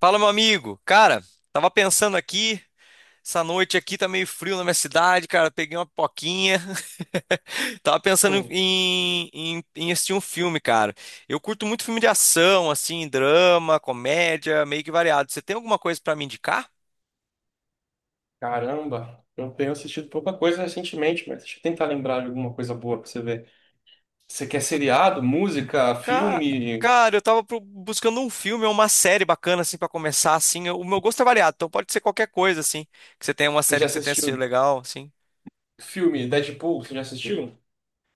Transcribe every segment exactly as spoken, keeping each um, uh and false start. Fala, meu amigo. Cara, tava pensando aqui, essa noite aqui tá meio frio na minha cidade, cara. Peguei uma pipoquinha. Tava pensando Hum, em, em, em assistir um filme, cara. Eu curto muito filme de ação, assim, drama, comédia, meio que variado. Você tem alguma coisa pra me indicar? Caramba, eu tenho assistido pouca coisa recentemente, mas deixa eu tentar lembrar de alguma coisa boa pra você ver. Você quer seriado, música, Ca- filme? Cara, eu tava pro- buscando um filme ou uma série bacana, assim, pra começar, assim. O meu gosto é variado, então pode ser qualquer coisa, assim. Que você tenha uma Você série já que você tenha assistido assistiu legal, assim. filme Deadpool? Você já assistiu?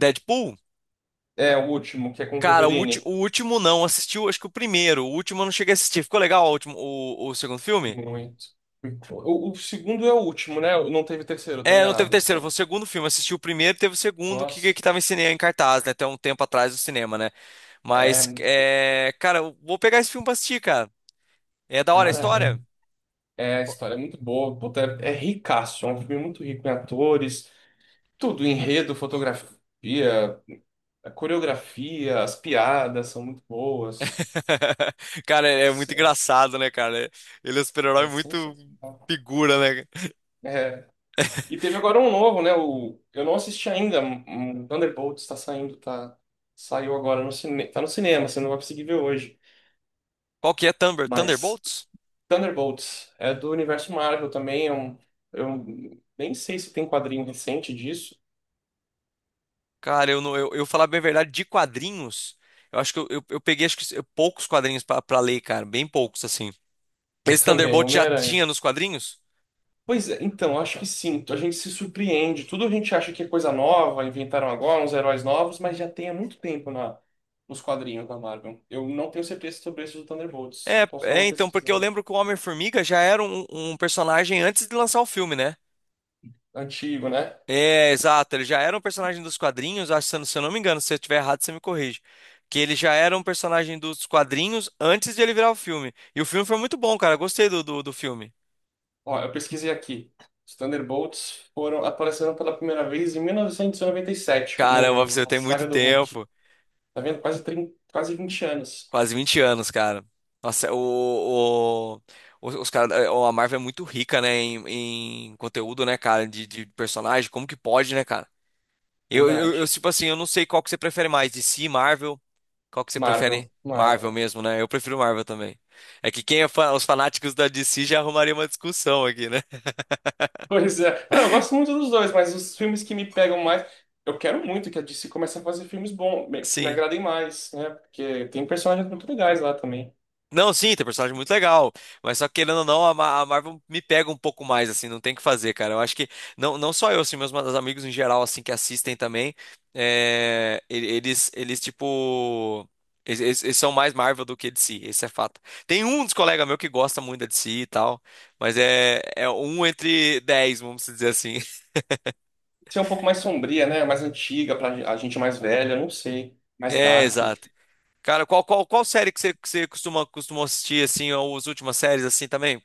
Deadpool? É o último, que é com o Cara, o, ulti- Wolverine. o último não, assistiu acho que o primeiro, o último eu não cheguei a assistir. Ficou legal o último, o, o segundo filme? Muito. O, o segundo é o último, né? Não teve terceiro, eu tô É, não teve enganado. terceiro, foi Só- o segundo filme. Assisti o primeiro, teve o segundo que, Nossa, que tava em cinema, em cartaz, né? Até um tempo atrás do cinema, né? é Mas, muito. é, cara, eu vou pegar esse filme pra assistir, cara. É da hora a Cara, história? é, é a história é muito boa. Puta, é, é ricaço, é um filme muito rico em atores, tudo, enredo, fotografia. A coreografia, as piadas são muito boas. Cara, é muito Se- engraçado, né, cara? Ele é um É super-herói muito sensacional. figura, né? É. E teve agora um novo, né? O... Eu não assisti ainda. Um um Thunderbolts está saindo, tá? Saiu agora no cinema. Tá no cinema, você não vai conseguir ver hoje. Qual que é Thunder? Mas Thunderbolts? Thunderbolts é do universo Marvel também. É um... Eu nem sei se tem quadrinho recente disso, Cara, eu, não, eu, eu falar bem a verdade, de quadrinhos, eu acho que eu, eu, eu peguei acho que, poucos quadrinhos pra, pra ler, cara, bem poucos, assim. mas Esse também é Thunderbolt já Homem-Aranha. tinha nos quadrinhos? Pois é, então, acho que sim. A gente se surpreende. Tudo a gente acha que é coisa nova, inventaram agora uns heróis novos, mas já tem há muito tempo na, nos quadrinhos da Marvel. Eu não tenho certeza sobre esse do Thunderbolts. É, Posso dar é, uma então, porque eu pesquisada. lembro que o Homem-Formiga já era um, um personagem antes de lançar o filme, né? Antigo, né? É, exato, ele já era um personagem dos quadrinhos, acho, se eu não se eu não me engano, se eu estiver errado, você me corrige. Que ele já era um personagem dos quadrinhos antes de ele virar o filme. E o filme foi muito bom, cara, eu gostei do, do, do filme. Ó, eu pesquisei aqui. Os Thunderbolts foram aparecendo pela primeira vez em mil novecentos e noventa e sete, Caramba, pra no, você na tem muito saga do Hulk. tempo. Tá vendo? Quase, trinta, quase vinte anos. Quase vinte anos, cara. Nossa, o, o- os, os cara, a Marvel é muito rica, né, em, em conteúdo, né, cara, de, de personagem. Como que pode, né, cara? Eu, eu, eu, Verdade. tipo assim, eu não sei qual que você prefere mais, D C, Marvel. Qual que você prefere? Marvel, Marvel Marvel. mesmo, né? Eu prefiro Marvel também. É que quem é fã, os fanáticos da D C já arrumaria uma discussão aqui, né? Pois é. Ah, eu gosto muito dos dois, mas os filmes que me pegam mais. Eu quero muito que a D C comece a fazer filmes bons, me- que me Sim. agradem mais, né? Porque tem personagens muito legais lá também. Não, sim, tem personagem muito legal, mas só que, querendo ou não, a Ma- a Marvel me pega um pouco mais, assim, não tem o que fazer, cara. Eu acho que, não, não só eu, assim, meus ma- amigos em geral, assim, que assistem também, é, e- eles, eles, tipo, eles, eles- eles são mais Marvel do que D C, esse é fato. Tem um dos colegas meu que gosta muito da D C e tal, mas é, é um entre dez, vamos dizer assim. Ser um pouco mais sombria, né? Mais antiga, pra a gente mais velha, não sei. Mais É, dark. exato. Cara, qual, qual, qual série que você, que você costuma, costuma assistir, assim, ou as últimas séries, assim, também?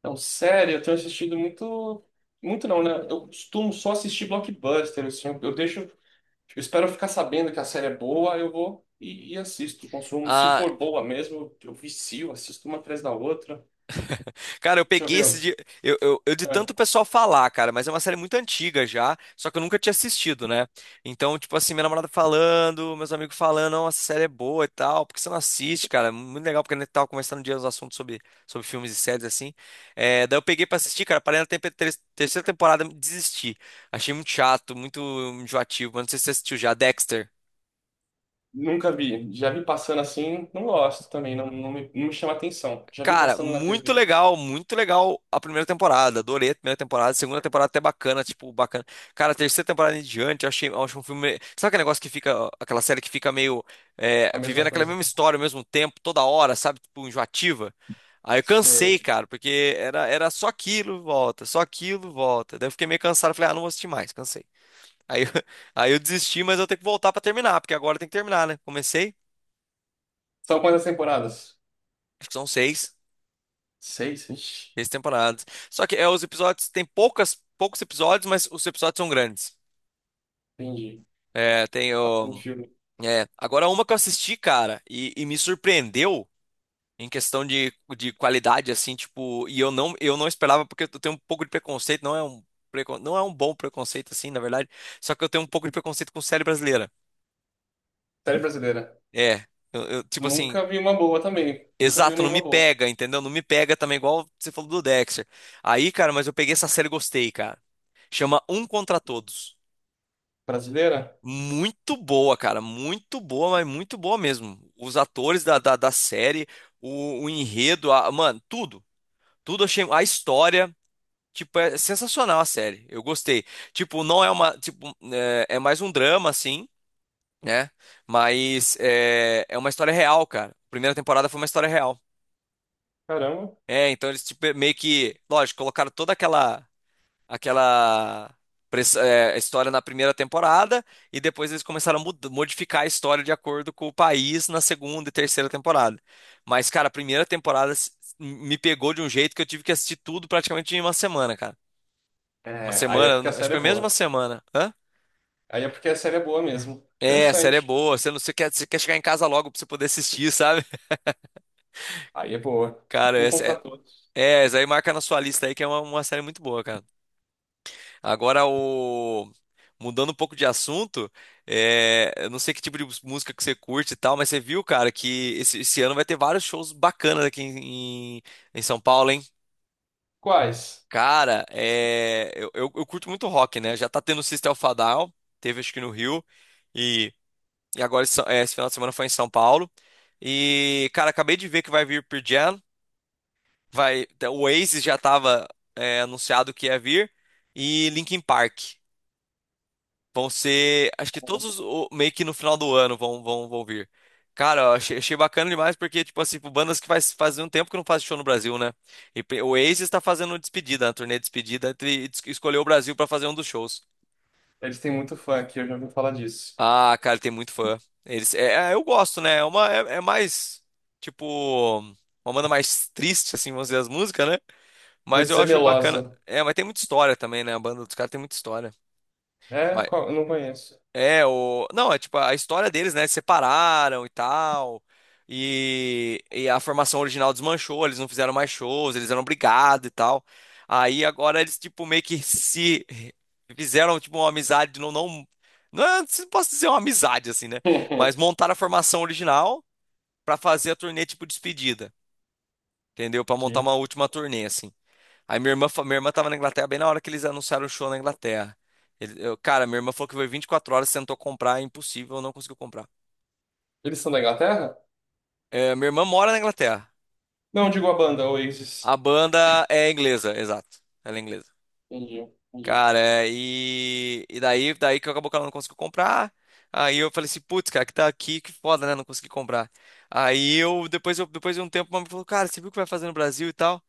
Então, sério, eu tenho assistido muito. Muito não, né? Eu costumo só assistir blockbuster, assim. Eu, eu deixo. Eu espero ficar sabendo que a série é boa, eu vou e, e assisto, consumo. Se Ah, for boa mesmo, eu vicio, assisto uma atrás da outra. Cara, eu Deixa eu peguei esse ver. dia. Eu, eu, eu de tanto pessoal falar, cara, mas é uma série muito antiga já, só que eu nunca tinha assistido, né? Então, tipo assim, minha namorada falando, meus amigos falando, não, essa série é boa e tal, por que você não assiste, cara? É muito legal, porque a gente tava conversando um dia os assuntos sobre, sobre filmes e séries, assim. É, daí eu peguei pra assistir, cara, parei na tempe- ter- terceira temporada, e desisti. Achei muito chato, muito enjoativo, mas não sei se você assistiu já, Dexter. Nunca vi. Já vi passando assim, não gosto também, não, não me, não me chama atenção. Já vi Cara, passando na muito T V, legal, muito legal a primeira temporada. Adorei a primeira temporada, a segunda temporada é até bacana, tipo, bacana. Cara, a terceira temporada em diante, eu achei, eu acho um filme. Sabe aquele negócio que fica, aquela série que fica meio é, a vivendo mesma aquela coisa. mesma história ao mesmo tempo, toda hora, sabe? Tipo, enjoativa. Aí eu cansei, Sei. cara, porque era, era só aquilo, volta, só aquilo, volta. Daí eu fiquei meio cansado, falei, ah, não vou assistir mais, cansei. Aí, eu- aí eu desisti, mas eu tenho que voltar pra terminar, porque agora tem que terminar, né? Comecei, São quantas temporadas? acho que são seis. Seis? Ixi, Três temporadas. Só que é, os episódios tem poucas, poucos episódios, mas os episódios são grandes. entendi. É, tem Um o. filme. É, agora uma que eu assisti, cara, e, e me surpreendeu em questão de, de qualidade, assim, tipo, e eu não, eu não esperava, porque eu tenho um pouco de preconceito, não é um, precon- não é um bom preconceito, assim, na verdade. Só que eu tenho um pouco de preconceito com série brasileira. Série brasileira. É, eu, eu, tipo assim, Nunca vi uma boa também. Nunca vi exato, não nenhuma me boa. pega, entendeu? Não me pega também, igual você falou do Dexter. Aí, cara, mas eu peguei essa série e gostei, cara. Chama Um Contra Todos. Brasileira? Muito boa, cara. Muito boa, mas muito boa mesmo. Os atores da, da, da série, o, o enredo, a- mano, tudo. Tudo eu achei. A história, tipo, é sensacional a série. Eu gostei. Tipo, não é uma. Tipo, é, é mais um drama, assim, né? Mas é, é uma história real, cara. A primeira temporada foi uma história real. Caramba. É, então eles, tipo, meio que. Lógico, colocaram toda aquela. Aquela press- é, história na primeira temporada e depois eles começaram a mud- modificar a história de acordo com o país na segunda e terceira temporada. Mas, cara, a primeira temporada s- me pegou de um jeito que eu tive que assistir tudo praticamente em uma semana, cara. Uma É, aí é porque semana, a acho que série é foi menos de uma boa. semana. Hã? Aí é porque a série é boa mesmo. É, a série é Interessante. boa, você não você quer, você quer chegar em casa logo pra você poder assistir, sabe? Aí é boa. Cara, Um essa contra é, todos. é, essa aí marca na sua lista aí que é uma, uma série muito boa, cara. Agora o mudando um pouco de assunto, é, eu não sei que tipo de música que você curte e tal, mas você viu, cara, que esse, esse ano vai ter vários shows bacanas aqui em, em, em São Paulo, hein? Quais? Cara, é, eu, eu, eu curto muito rock, né? Já tá tendo o System of a Down, teve acho que no Rio, e, e agora esse, é, esse final de semana foi em São Paulo. E, cara, acabei de ver que vai vir Pearl Jam, vai, o Oasis já tava é, anunciado que ia vir, e Linkin Park. Vão ser, acho que todos os, o- meio que no final do ano vão, vão, vão vir. Cara, eu achei, achei bacana demais porque, tipo assim, pro bandas que faz, faz um tempo que não faz show no Brasil, né? E pe- o Oasis está fazendo despedida, uma turnê de despedida, e es- escolheu o Brasil para fazer um dos shows. Eles têm muito fã aqui, eu já ouvi falar disso. Ah, cara, ele tem muito fã. Eles, é, é, eu gosto, né? É uma, é, é mais, tipo, uma banda mais triste, assim, vamos dizer, as músicas, né? Vou Mas eu dizer acho bacana. Melosa. É, mas tem muita história também, né? A banda dos caras tem muita história. É? Qual? Eu não conheço. É, o... Não, é tipo a história deles, né? Separaram e tal. E, e a formação original desmanchou, eles não fizeram mais shows, eles eram brigados e tal. Aí agora eles, tipo, meio que se fizeram, tipo, uma amizade, não, não, não, é- não posso dizer uma amizade, assim, né? Mas montaram a formação original pra fazer a turnê, tipo, despedida, entendeu? Pra montar Entendi. uma última turnê, assim. Aí minha irmã, fa- minha irmã tava na Inglaterra bem na hora que eles anunciaram o show na Inglaterra. Ele- eu- cara, minha irmã falou que foi 24 horas, tentou comprar, é impossível, não conseguiu comprar. Eles são da Inglaterra? É, minha irmã mora na Inglaterra. Não, digo a banda, Oasis. A banda é inglesa, exato. Ela é inglesa. Entendi, entendi. Cara, é, e, e daí, daí que acabou que ela não conseguiu comprar. Aí eu falei assim, putz, cara, que tá aqui, que foda, né? Não consegui comprar. Aí eu, depois, eu, depois de um tempo, a mamãe falou, cara, você viu o que vai fazer no Brasil e tal?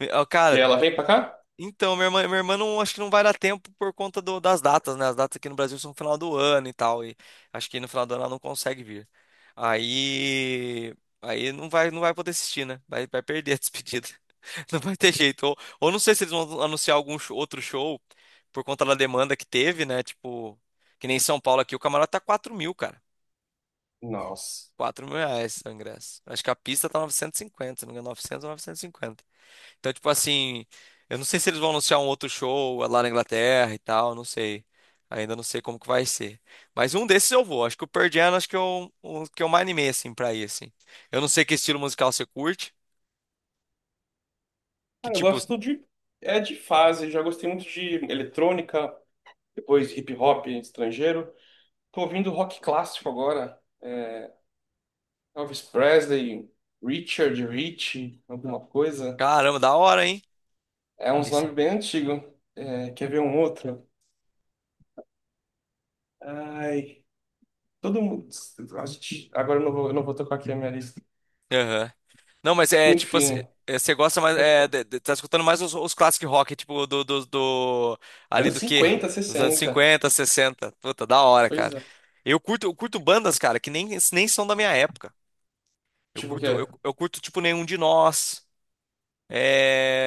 Eu, E cara, ela vem pra cá? então, minha irmã, minha irmã não, acho que não vai dar tempo por conta do- das datas, né? As datas aqui no Brasil são no final do ano e tal, e acho que no final do ano ela não consegue vir. Aí, aí não vai, não vai poder assistir, né? Vai, vai perder a despedida. Não vai ter jeito. Ou, ou não sei se eles vão anunciar algum show- outro show por conta da demanda que teve, né? Tipo, que nem em São Paulo aqui, o camarote tá quatro mil, cara. Nossa. Quatro mil reais o ingresso. Acho que a pista tá novecentos e cinquenta, se não me engano, novecentos ou novecentos e cinquenta? Então, tipo assim, eu não sei se eles vão anunciar um outro show lá na Inglaterra e tal, não sei. Ainda não sei como que vai ser. Mas um desses eu vou. Acho que o Pearl Jam, acho que eu, o que eu mais animei, assim, pra ir, assim. Eu não sei que estilo musical você curte. Que, Cara, eu tipo, gosto de. É de fase, já gostei muito de eletrônica, depois hip hop estrangeiro. Tô ouvindo rock clássico agora. Elvis Presley, Richard Rich, alguma coisa. caramba, da hora, hein? É uns Esse. nomes bem antigos. É, quer ver um outro? Ai, todo mundo. A gente... Agora eu não vou, eu não vou tocar aqui a minha lista. Aham. Não, mas é, tipo, assim, Enfim, é, você gosta mais, pode é, falar. de- de- tá escutando mais os, os classic rock, tipo, do, do, do, ali Anos do quê? cinquenta, Dos anos sessenta. cinquenta, sessenta. Puta, da hora, cara. Pois é. Eu curto, eu curto bandas, cara, que nem, nem são da minha época. Eu Tipo o curto, eu, quê? eu curto, tipo, Nenhum de Nós.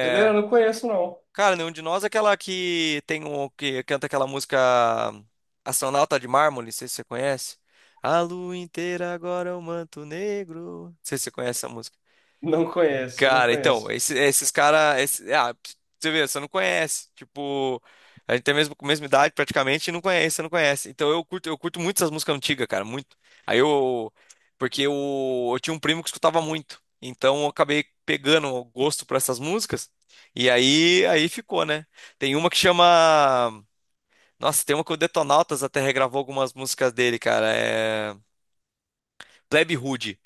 Brasileira? Não conheço, não. Cara, Nenhum de Nós é aquela que tem um, que canta aquela música Astronauta de Mármore, não sei se você conhece. A lua inteira agora é um manto negro. Não sei se você conhece essa música. Não conheço, não Cara, então, conheço. esse- esses caras. Ah, pra você vê, você não conhece. Tipo, a gente tem a mesma, mesma idade praticamente e não conhece, você não conhece. Então eu curto, eu curto muito essas músicas antigas, cara, muito. Aí eu. Porque eu, eu tinha um primo que escutava muito. Então eu acabei pegando o gosto por essas músicas. E aí, aí ficou, né? Tem uma que chama. Nossa, tem uma que o Detonautas até regravou algumas músicas dele, cara. É. Plebe Rude.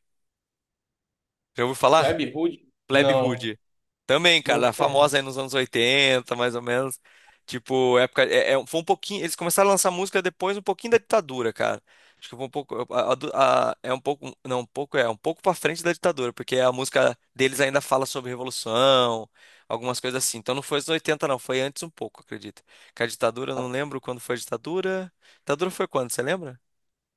Já ouviu Web falar? Hood? Plebe Não, Rude. Também, não cara, famosa aí conheço. nos anos oitenta, mais ou menos. Tipo, época. É, é- foi um pouquinho. Eles começaram a lançar música depois, um pouquinho da ditadura, cara. Acho que foi um pouco. a- a- a- é um pouco. Não, um pouco é, um pouco pra frente da ditadura, porque a música deles ainda fala sobre revolução, algumas coisas assim. Então não foi os oitenta, não, foi antes um pouco, acredito. Que a ditadura, eu Tá. não lembro quando foi a ditadura. Ditadura foi quando, você lembra?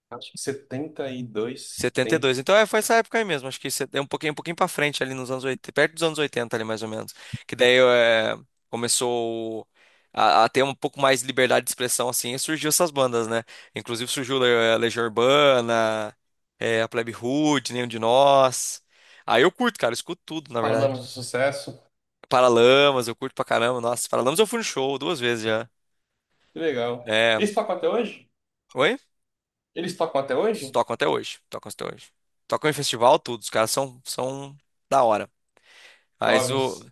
Acho que setenta e dois. setenta e Setenta. dois Então é, foi essa época aí mesmo. Acho que se- é um pouquinho, um pouquinho para frente ali nos anos oitenta perto dos anos oitenta ali mais ou menos. Que daí é, começou a, a ter um pouco mais de liberdade de expressão assim e surgiu essas bandas, né? Inclusive surgiu Le- é, Legião Urbana, é, a Plebe Rude, Nenhum de Nós. Aí eu curto, cara, eu escuto tudo, na Paralamas verdade. do Sucesso. Paralamas, eu curto pra caramba. Nossa, Paralamas eu fui no show duas vezes já. Que legal. É. Eles tocam até hoje? Oi? Eles tocam até hoje? Tocam até hoje. Tocam até hoje. Tocam em festival, tudo. Os caras são, são da hora. Mas o. Jovens.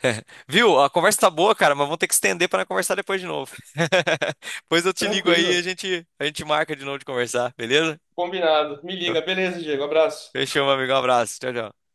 Viu? A conversa tá boa, cara, mas vamos ter que estender para conversar depois de novo. Depois eu te ligo aí e a Tranquilo. gente, a gente marca de novo de conversar, beleza? Combinado. Me liga. Beleza, Diego. Abraço. Fechou, meu amigo. Um abraço. Tchau, tchau.